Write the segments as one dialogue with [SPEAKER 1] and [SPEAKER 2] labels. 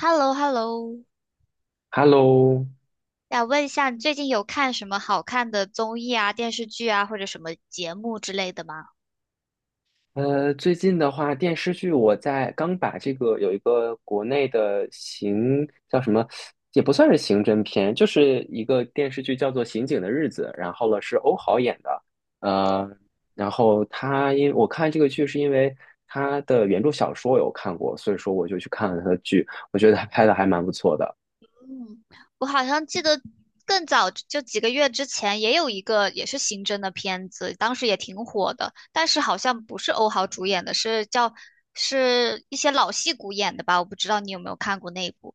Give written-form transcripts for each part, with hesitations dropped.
[SPEAKER 1] h e l l o hello。
[SPEAKER 2] Hello。
[SPEAKER 1] 想问一下，你最近有看什么好看的综艺啊、电视剧啊，或者什么节目之类的吗？
[SPEAKER 2] 最近的话，电视剧我在刚把这个有一个国内的刑叫什么，也不算是刑侦片，就是一个电视剧叫做《刑警的日子》，然后了是欧豪演的。呃，然后他因我看这个剧是因为他的原著小说有看过，所以说我就去看了他的剧，我觉得他拍的还蛮不错的。
[SPEAKER 1] 嗯，我好像记得更早就几个月之前也有一个也是刑侦的片子，当时也挺火的，但是好像不是欧豪主演的，是一些老戏骨演的吧？我不知道你有没有看过那一部。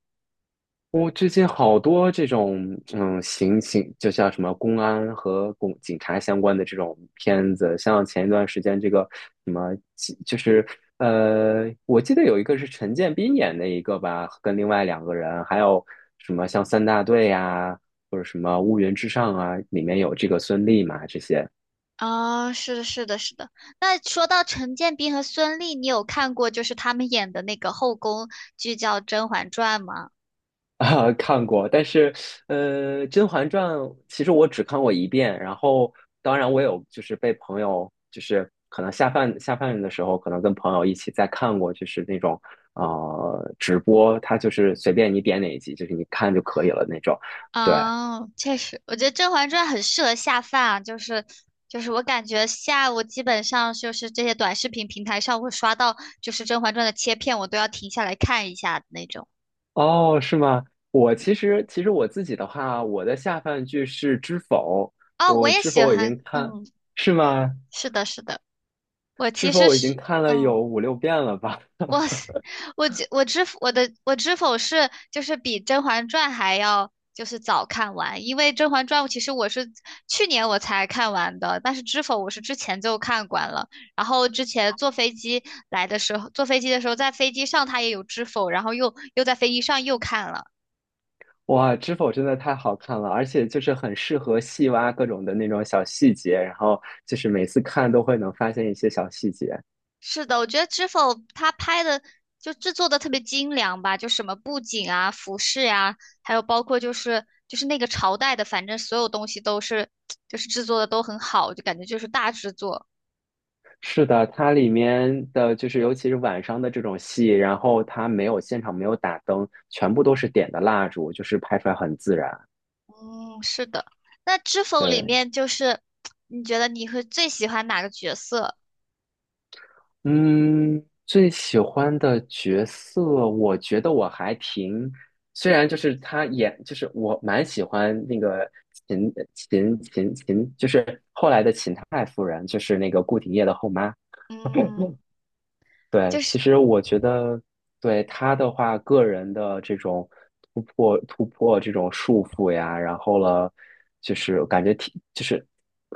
[SPEAKER 2] 我最近好多这种，刑警就像什么公安和公警察相关的这种片子，像前一段时间这个什么，就是我记得有一个是陈建斌演的一个吧，跟另外两个人，还有什么像三大队呀、或者什么乌云之上啊，里面有这个孙俪嘛，这些。
[SPEAKER 1] 啊，是的，是的，是的，那说到陈建斌和孙俪，你有看过就是他们演的那个后宫剧叫《甄嬛传》吗？
[SPEAKER 2] 啊，看过，但是，《甄嬛传》其实我只看过一遍，然后当然我有就是被朋友就是可能下饭下饭的时候，可能跟朋友一起再看过，就是那种直播，它就是随便你点哪一集，就是你看就可以了那种。对。
[SPEAKER 1] 哦，确实，我觉得《甄嬛传》很适合下饭啊，就是我感觉下午基本上就是这些短视频平台上会刷到，就是《甄嬛传》的切片，我都要停下来看一下的那种。
[SPEAKER 2] 哦，是吗？我其实我自己的话，我的下饭剧是《知否》。
[SPEAKER 1] 哦，我
[SPEAKER 2] 我
[SPEAKER 1] 也
[SPEAKER 2] 《知
[SPEAKER 1] 喜
[SPEAKER 2] 否》我已
[SPEAKER 1] 欢，
[SPEAKER 2] 经看，
[SPEAKER 1] 嗯，
[SPEAKER 2] 是吗？
[SPEAKER 1] 是的，是的，我
[SPEAKER 2] 《知
[SPEAKER 1] 其
[SPEAKER 2] 否》
[SPEAKER 1] 实
[SPEAKER 2] 我已经
[SPEAKER 1] 是，
[SPEAKER 2] 看了有
[SPEAKER 1] 嗯。
[SPEAKER 2] 五六遍了吧？
[SPEAKER 1] 我我的知否是就是比《甄嬛传》还要就是早看完，因为《甄嬛传》其实我是去年我才看完的，但是知否我是之前就看完了，然后之前坐飞机来的时候，坐飞机的时候在飞机上它也有知否，然后又在飞机上又看了。
[SPEAKER 2] 哇，知否真的太好看了，而且就是很适合细挖各种的那种小细节，然后就是每次看都会能发现一些小细节。
[SPEAKER 1] 是的，我觉得《知否》它拍的就制作的特别精良吧，就什么布景啊、服饰呀、还有包括就是那个朝代的，反正所有东西都是就是制作的都很好，就感觉就是大制作。
[SPEAKER 2] 是的，它里面的就是尤其是晚上的这种戏，然后它没有现场没有打灯，全部都是点的蜡烛，就是拍出来很自然。
[SPEAKER 1] 嗯，是的。那《知否》里
[SPEAKER 2] 对。
[SPEAKER 1] 面就是你觉得你会最喜欢哪个角色？
[SPEAKER 2] 嗯，最喜欢的角色，我觉得我还挺，虽然就是他演，就是我蛮喜欢那个秦，就是后来的秦太夫人，就是那个顾廷烨的后妈。
[SPEAKER 1] 嗯，
[SPEAKER 2] 对，
[SPEAKER 1] 就是。
[SPEAKER 2] 其实我觉得对他的话，个人的这种突破这种束缚呀，然后了，就是感觉挺就是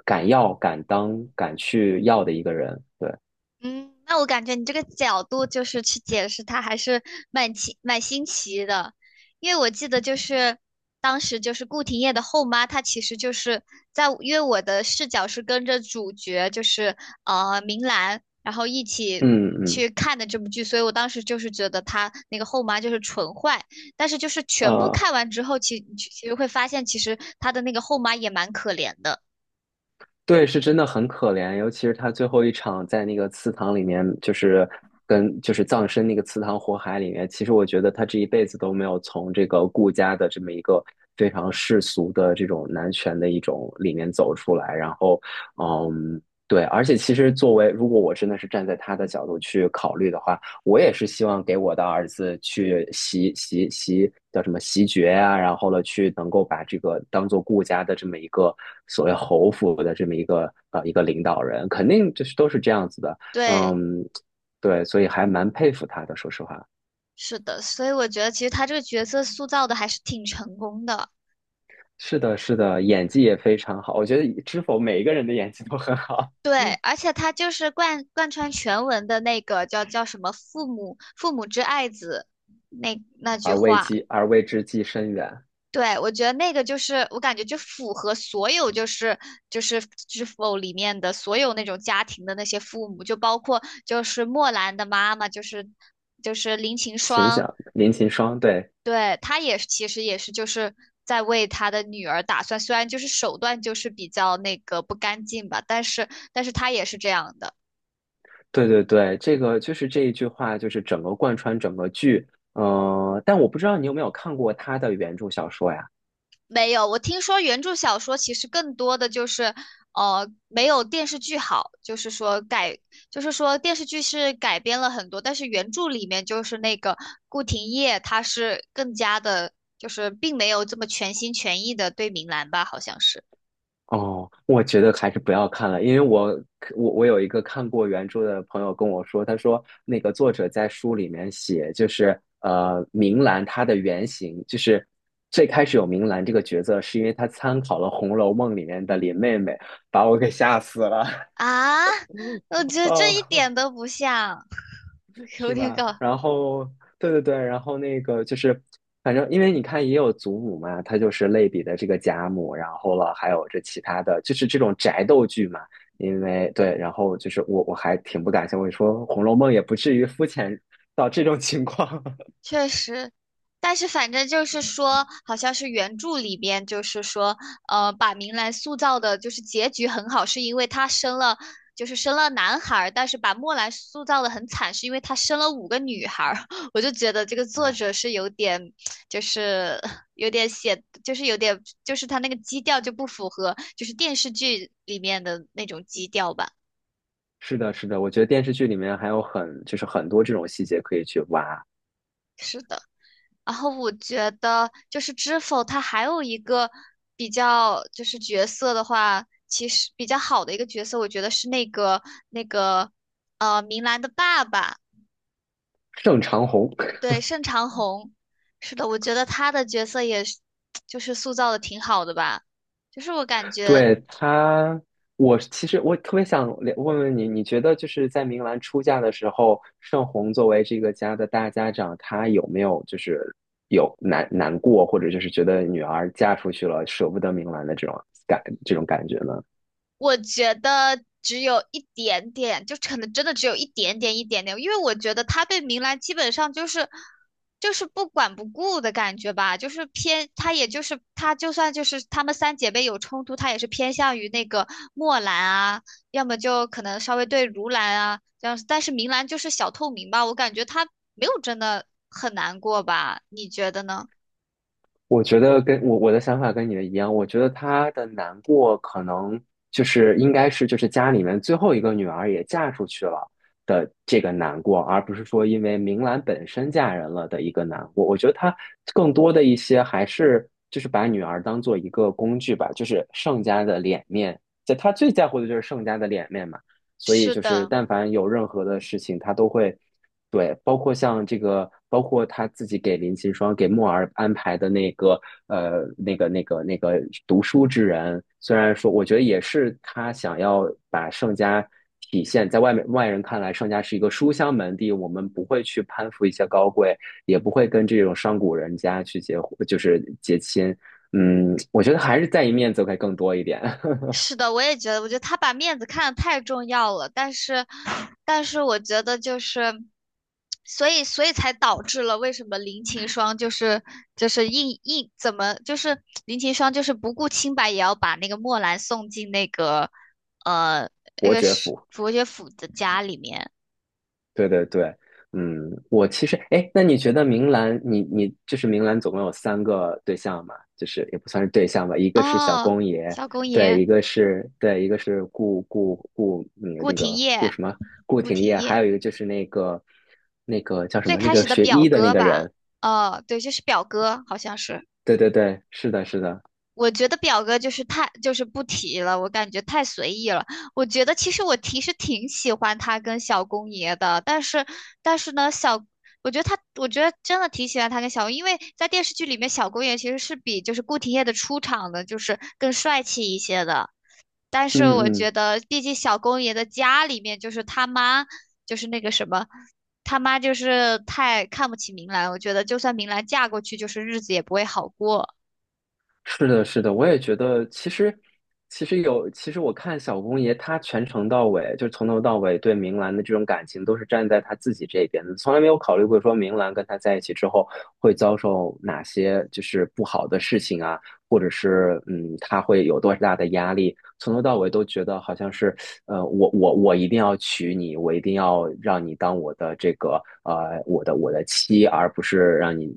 [SPEAKER 2] 敢要敢当敢去要的一个人。对，
[SPEAKER 1] 嗯，那我感觉你这个角度就是去解释它，还是蛮新奇的，因为我记得就是当时就是顾廷烨的后妈，她其实就是在，因为我的视角是跟着主角就是明兰，然后一起
[SPEAKER 2] 嗯嗯。
[SPEAKER 1] 去看的这部剧，所以我当时就是觉得她那个后妈就是纯坏，但是就是全部
[SPEAKER 2] 呃。
[SPEAKER 1] 看完之后，其实会发现其实她的那个后妈也蛮可怜的，
[SPEAKER 2] 对，是真的很可怜，尤其是他最后一场在那个祠堂里面，就是跟就是葬身那个祠堂火海里面。其实我觉得他这一辈子都没有从这个顾家的这么一个非常世俗的这种男权的一种里面走出来。然后，嗯，对，而且其实作为如果我真的是站在他的角度去考虑的话，我也是希望给我的儿子去习习习叫什么习爵啊，然后呢去能够把这个当做顾家的这么一个所谓侯府的这么一个一个领导人，肯定就是都是这样子的。
[SPEAKER 1] 对。
[SPEAKER 2] 嗯，对，所以还蛮佩服他的，说实话。
[SPEAKER 1] 是的，所以我觉得其实他这个角色塑造的还是挺成功的。
[SPEAKER 2] 是的，是的，演技也非常好，我觉得知否每一个人的演技都很好，
[SPEAKER 1] 对，而且他就是贯穿全文的那个叫什么“父母之爱子”那那句
[SPEAKER 2] 而为
[SPEAKER 1] 话。
[SPEAKER 2] 鸡而为之计深远，
[SPEAKER 1] 对，我觉得那个就是我感觉就符合所有就是就是知否里面的所有那种家庭的那些父母，就包括就是莫兰的妈妈，就是就是林晴
[SPEAKER 2] 秦
[SPEAKER 1] 霜，
[SPEAKER 2] 响林秦霜，对。
[SPEAKER 1] 对，他也是其实也是就是在为他的女儿打算，虽然就是手段就是比较那个不干净吧，但是他也是这样的。
[SPEAKER 2] 对对对，这个就是这一句话，就是整个贯穿整个剧。但我不知道你有没有看过他的原著小说呀？
[SPEAKER 1] 没有，我听说原著小说其实更多的就是，没有电视剧好，就是说改，就是说电视剧是改编了很多，但是原著里面就是那个顾廷烨，他是更加的，就是并没有这么全心全意的对明兰吧，好像是
[SPEAKER 2] 哦，我觉得还是不要看了，因为我有一个看过原著的朋友跟我说，他说那个作者在书里面写，就是明兰她的原型，就是最开始有明兰这个角色，是因为她参考了《红楼梦》里面的林妹妹，把我给吓死了。
[SPEAKER 1] 啊，我觉得这一点
[SPEAKER 2] 啊！
[SPEAKER 1] 都不像。有
[SPEAKER 2] 是
[SPEAKER 1] 点
[SPEAKER 2] 吧？
[SPEAKER 1] 搞，
[SPEAKER 2] 然后，对对对，然后那个就是，反正因为你看也有祖母嘛，她就是类比的这个贾母，然后了还有这其他的，就是这种宅斗剧嘛。因为对，然后就是我还挺不感兴趣，我说《红楼梦》也不至于肤浅到这种情况。
[SPEAKER 1] 确实，但是反正就是说，好像是原著里边就是说，把明兰塑造的就是结局很好，是因为她生了，就是生了男孩儿，但是把墨兰塑造的很惨，是因为她生了五个女孩儿。我就觉得这个作者
[SPEAKER 2] 哎，
[SPEAKER 1] 是有点，就是有点写，就是有点，就是他那个基调就不符合，就是电视剧里面的那种基调吧。
[SPEAKER 2] 是的，是的，我觉得电视剧里面还有很就是很多这种细节可以去挖。
[SPEAKER 1] 是的。然后我觉得就是知否，它还有一个比较就是角色的话，其实比较好的一个角色，我觉得是那个那个明兰的爸爸，
[SPEAKER 2] 盛长虹。
[SPEAKER 1] 对，盛长虹。是的，我觉得他的角色也是 就是塑造的挺好的吧，就是我感觉。
[SPEAKER 2] 对他，我其实特别想了问问你，你觉得就是在明兰出嫁的时候，盛虹作为这个家的大家长，她有没有就是有难过，或者就是觉得女儿嫁出去了舍不得明兰的这种感觉呢？
[SPEAKER 1] 我觉得只有一点点，就可能真的只有一点点一点点，因为我觉得他对明兰基本上就是不管不顾的感觉吧，就是偏他也就是他就算就是他们三姐妹有冲突，他也是偏向于那个墨兰啊，要么就可能稍微对如兰啊这样子但是明兰就是小透明吧，我感觉他没有真的很难过吧，你觉得呢？
[SPEAKER 2] 我觉得跟我的想法跟你的一样，我觉得她的难过可能就是应该是就是家里面最后一个女儿也嫁出去了的这个难过，而不是说因为明兰本身嫁人了的一个难过。我觉得她更多的一些还是就是把女儿当做一个工具吧，就是盛家的脸面，在她最在乎的就是盛家的脸面嘛。所以
[SPEAKER 1] 是
[SPEAKER 2] 就是
[SPEAKER 1] 的。
[SPEAKER 2] 但凡有任何的事情，她都会。对，包括像这个，包括他自己给林噙霜、给墨儿安排的那个，那个读书之人，虽然说，我觉得也是他想要把盛家体现在外面外人看来，盛家是一个书香门第，我们不会去攀附一些高贵，也不会跟这种商贾人家去结婚就是结亲。我觉得还是在意面子会更多一点。
[SPEAKER 1] 是的，我也觉得，我觉得他把面子看得太重要了，但是，我觉得就是，所以才导致了为什么林晴霜就是就是硬怎么就是林晴霜就是不顾清白也要把那个墨兰送进呃那
[SPEAKER 2] 伯
[SPEAKER 1] 个
[SPEAKER 2] 爵
[SPEAKER 1] 是
[SPEAKER 2] 府。
[SPEAKER 1] 佛学府的家里面
[SPEAKER 2] 对对对。我其实，哎，那你觉得明兰，你就是明兰，总共有三个对象嘛？就是也不算是对象吧，一个是小
[SPEAKER 1] 哦，
[SPEAKER 2] 公爷，
[SPEAKER 1] 萧公
[SPEAKER 2] 对，
[SPEAKER 1] 爷
[SPEAKER 2] 一个是对，一个是顾，那个
[SPEAKER 1] 顾
[SPEAKER 2] 那
[SPEAKER 1] 廷
[SPEAKER 2] 个顾
[SPEAKER 1] 烨，
[SPEAKER 2] 什么顾
[SPEAKER 1] 顾
[SPEAKER 2] 廷
[SPEAKER 1] 廷
[SPEAKER 2] 烨，还
[SPEAKER 1] 烨
[SPEAKER 2] 有一个就是那个叫什
[SPEAKER 1] 最
[SPEAKER 2] 么，那
[SPEAKER 1] 开
[SPEAKER 2] 个
[SPEAKER 1] 始的
[SPEAKER 2] 学
[SPEAKER 1] 表
[SPEAKER 2] 医的那
[SPEAKER 1] 哥
[SPEAKER 2] 个
[SPEAKER 1] 吧，
[SPEAKER 2] 人，
[SPEAKER 1] 哦，对，就是表哥，好像是。
[SPEAKER 2] 对对对，是的，是的，
[SPEAKER 1] 我觉得表哥就是太就是不提了，我感觉太随意了。我觉得其实我其实挺喜欢他跟小公爷的，但是呢，小我觉得他我觉得真的挺喜欢他跟小公，因为在电视剧里面，小公爷其实是比就是顾廷烨的出场的就是更帅气一些的。但
[SPEAKER 2] 嗯
[SPEAKER 1] 是我觉
[SPEAKER 2] 嗯。
[SPEAKER 1] 得，毕竟小公爷的家里面就是他妈，就是那个什么，他妈就是太看不起明兰。我觉得，就算明兰嫁过去，就是日子也不会好过。
[SPEAKER 2] 是的，是的，我也觉得，其实，其实有，其实我看小公爷他全程到尾，就从头到尾对明兰的这种感情都是站在他自己这边的，从来没有考虑过说明兰跟他在一起之后会遭受哪些就是不好的事情啊，或者是他会有多大的压力，从头到尾都觉得好像是我一定要娶你，我一定要让你当我的这个我的妻，而不是让你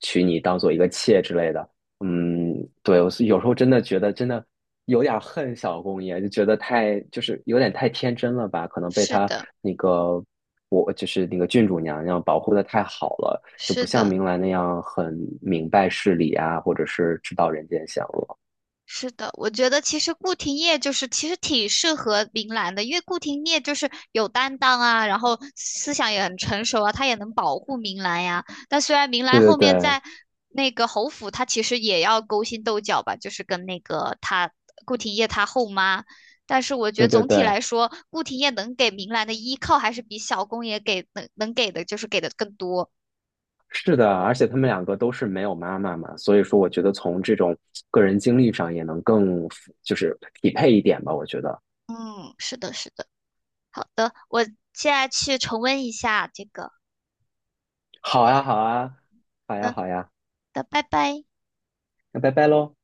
[SPEAKER 2] 娶你当做一个妾之类的。嗯，对，我是有时候真的觉得真的有点儿恨小公爷，就觉得太就是有点太天真了吧，可能被
[SPEAKER 1] 是
[SPEAKER 2] 他
[SPEAKER 1] 的，
[SPEAKER 2] 那个我就是那个郡主娘娘保护的太好了，就
[SPEAKER 1] 是
[SPEAKER 2] 不像
[SPEAKER 1] 的。
[SPEAKER 2] 明兰那样很明白事理啊，或者是知道人间险恶。
[SPEAKER 1] 是的，我觉得其实顾廷烨就是其实挺适合明兰的，因为顾廷烨就是有担当啊，然后思想也很成熟啊，他也能保护明兰呀。但虽然明兰
[SPEAKER 2] 对
[SPEAKER 1] 后面
[SPEAKER 2] 对
[SPEAKER 1] 在那个侯府，他其实也要勾心斗角吧，就是跟那个他顾廷烨他后妈。但是我觉得
[SPEAKER 2] 对对对
[SPEAKER 1] 总体
[SPEAKER 2] 对，
[SPEAKER 1] 来说，顾廷烨能给明兰的依靠还是比小公爷给能给的，就是给的更多。
[SPEAKER 2] 是的，而且他们两个都是没有妈妈嘛，所以说我觉得从这种个人经历上也能更就是匹配一点吧，我觉得。
[SPEAKER 1] 嗯，是的，是的。好的，我现在去重温一下这个
[SPEAKER 2] 好
[SPEAKER 1] 点。
[SPEAKER 2] 呀好呀，好呀
[SPEAKER 1] 嗯。
[SPEAKER 2] 好呀，
[SPEAKER 1] 的，拜拜。
[SPEAKER 2] 那拜拜喽。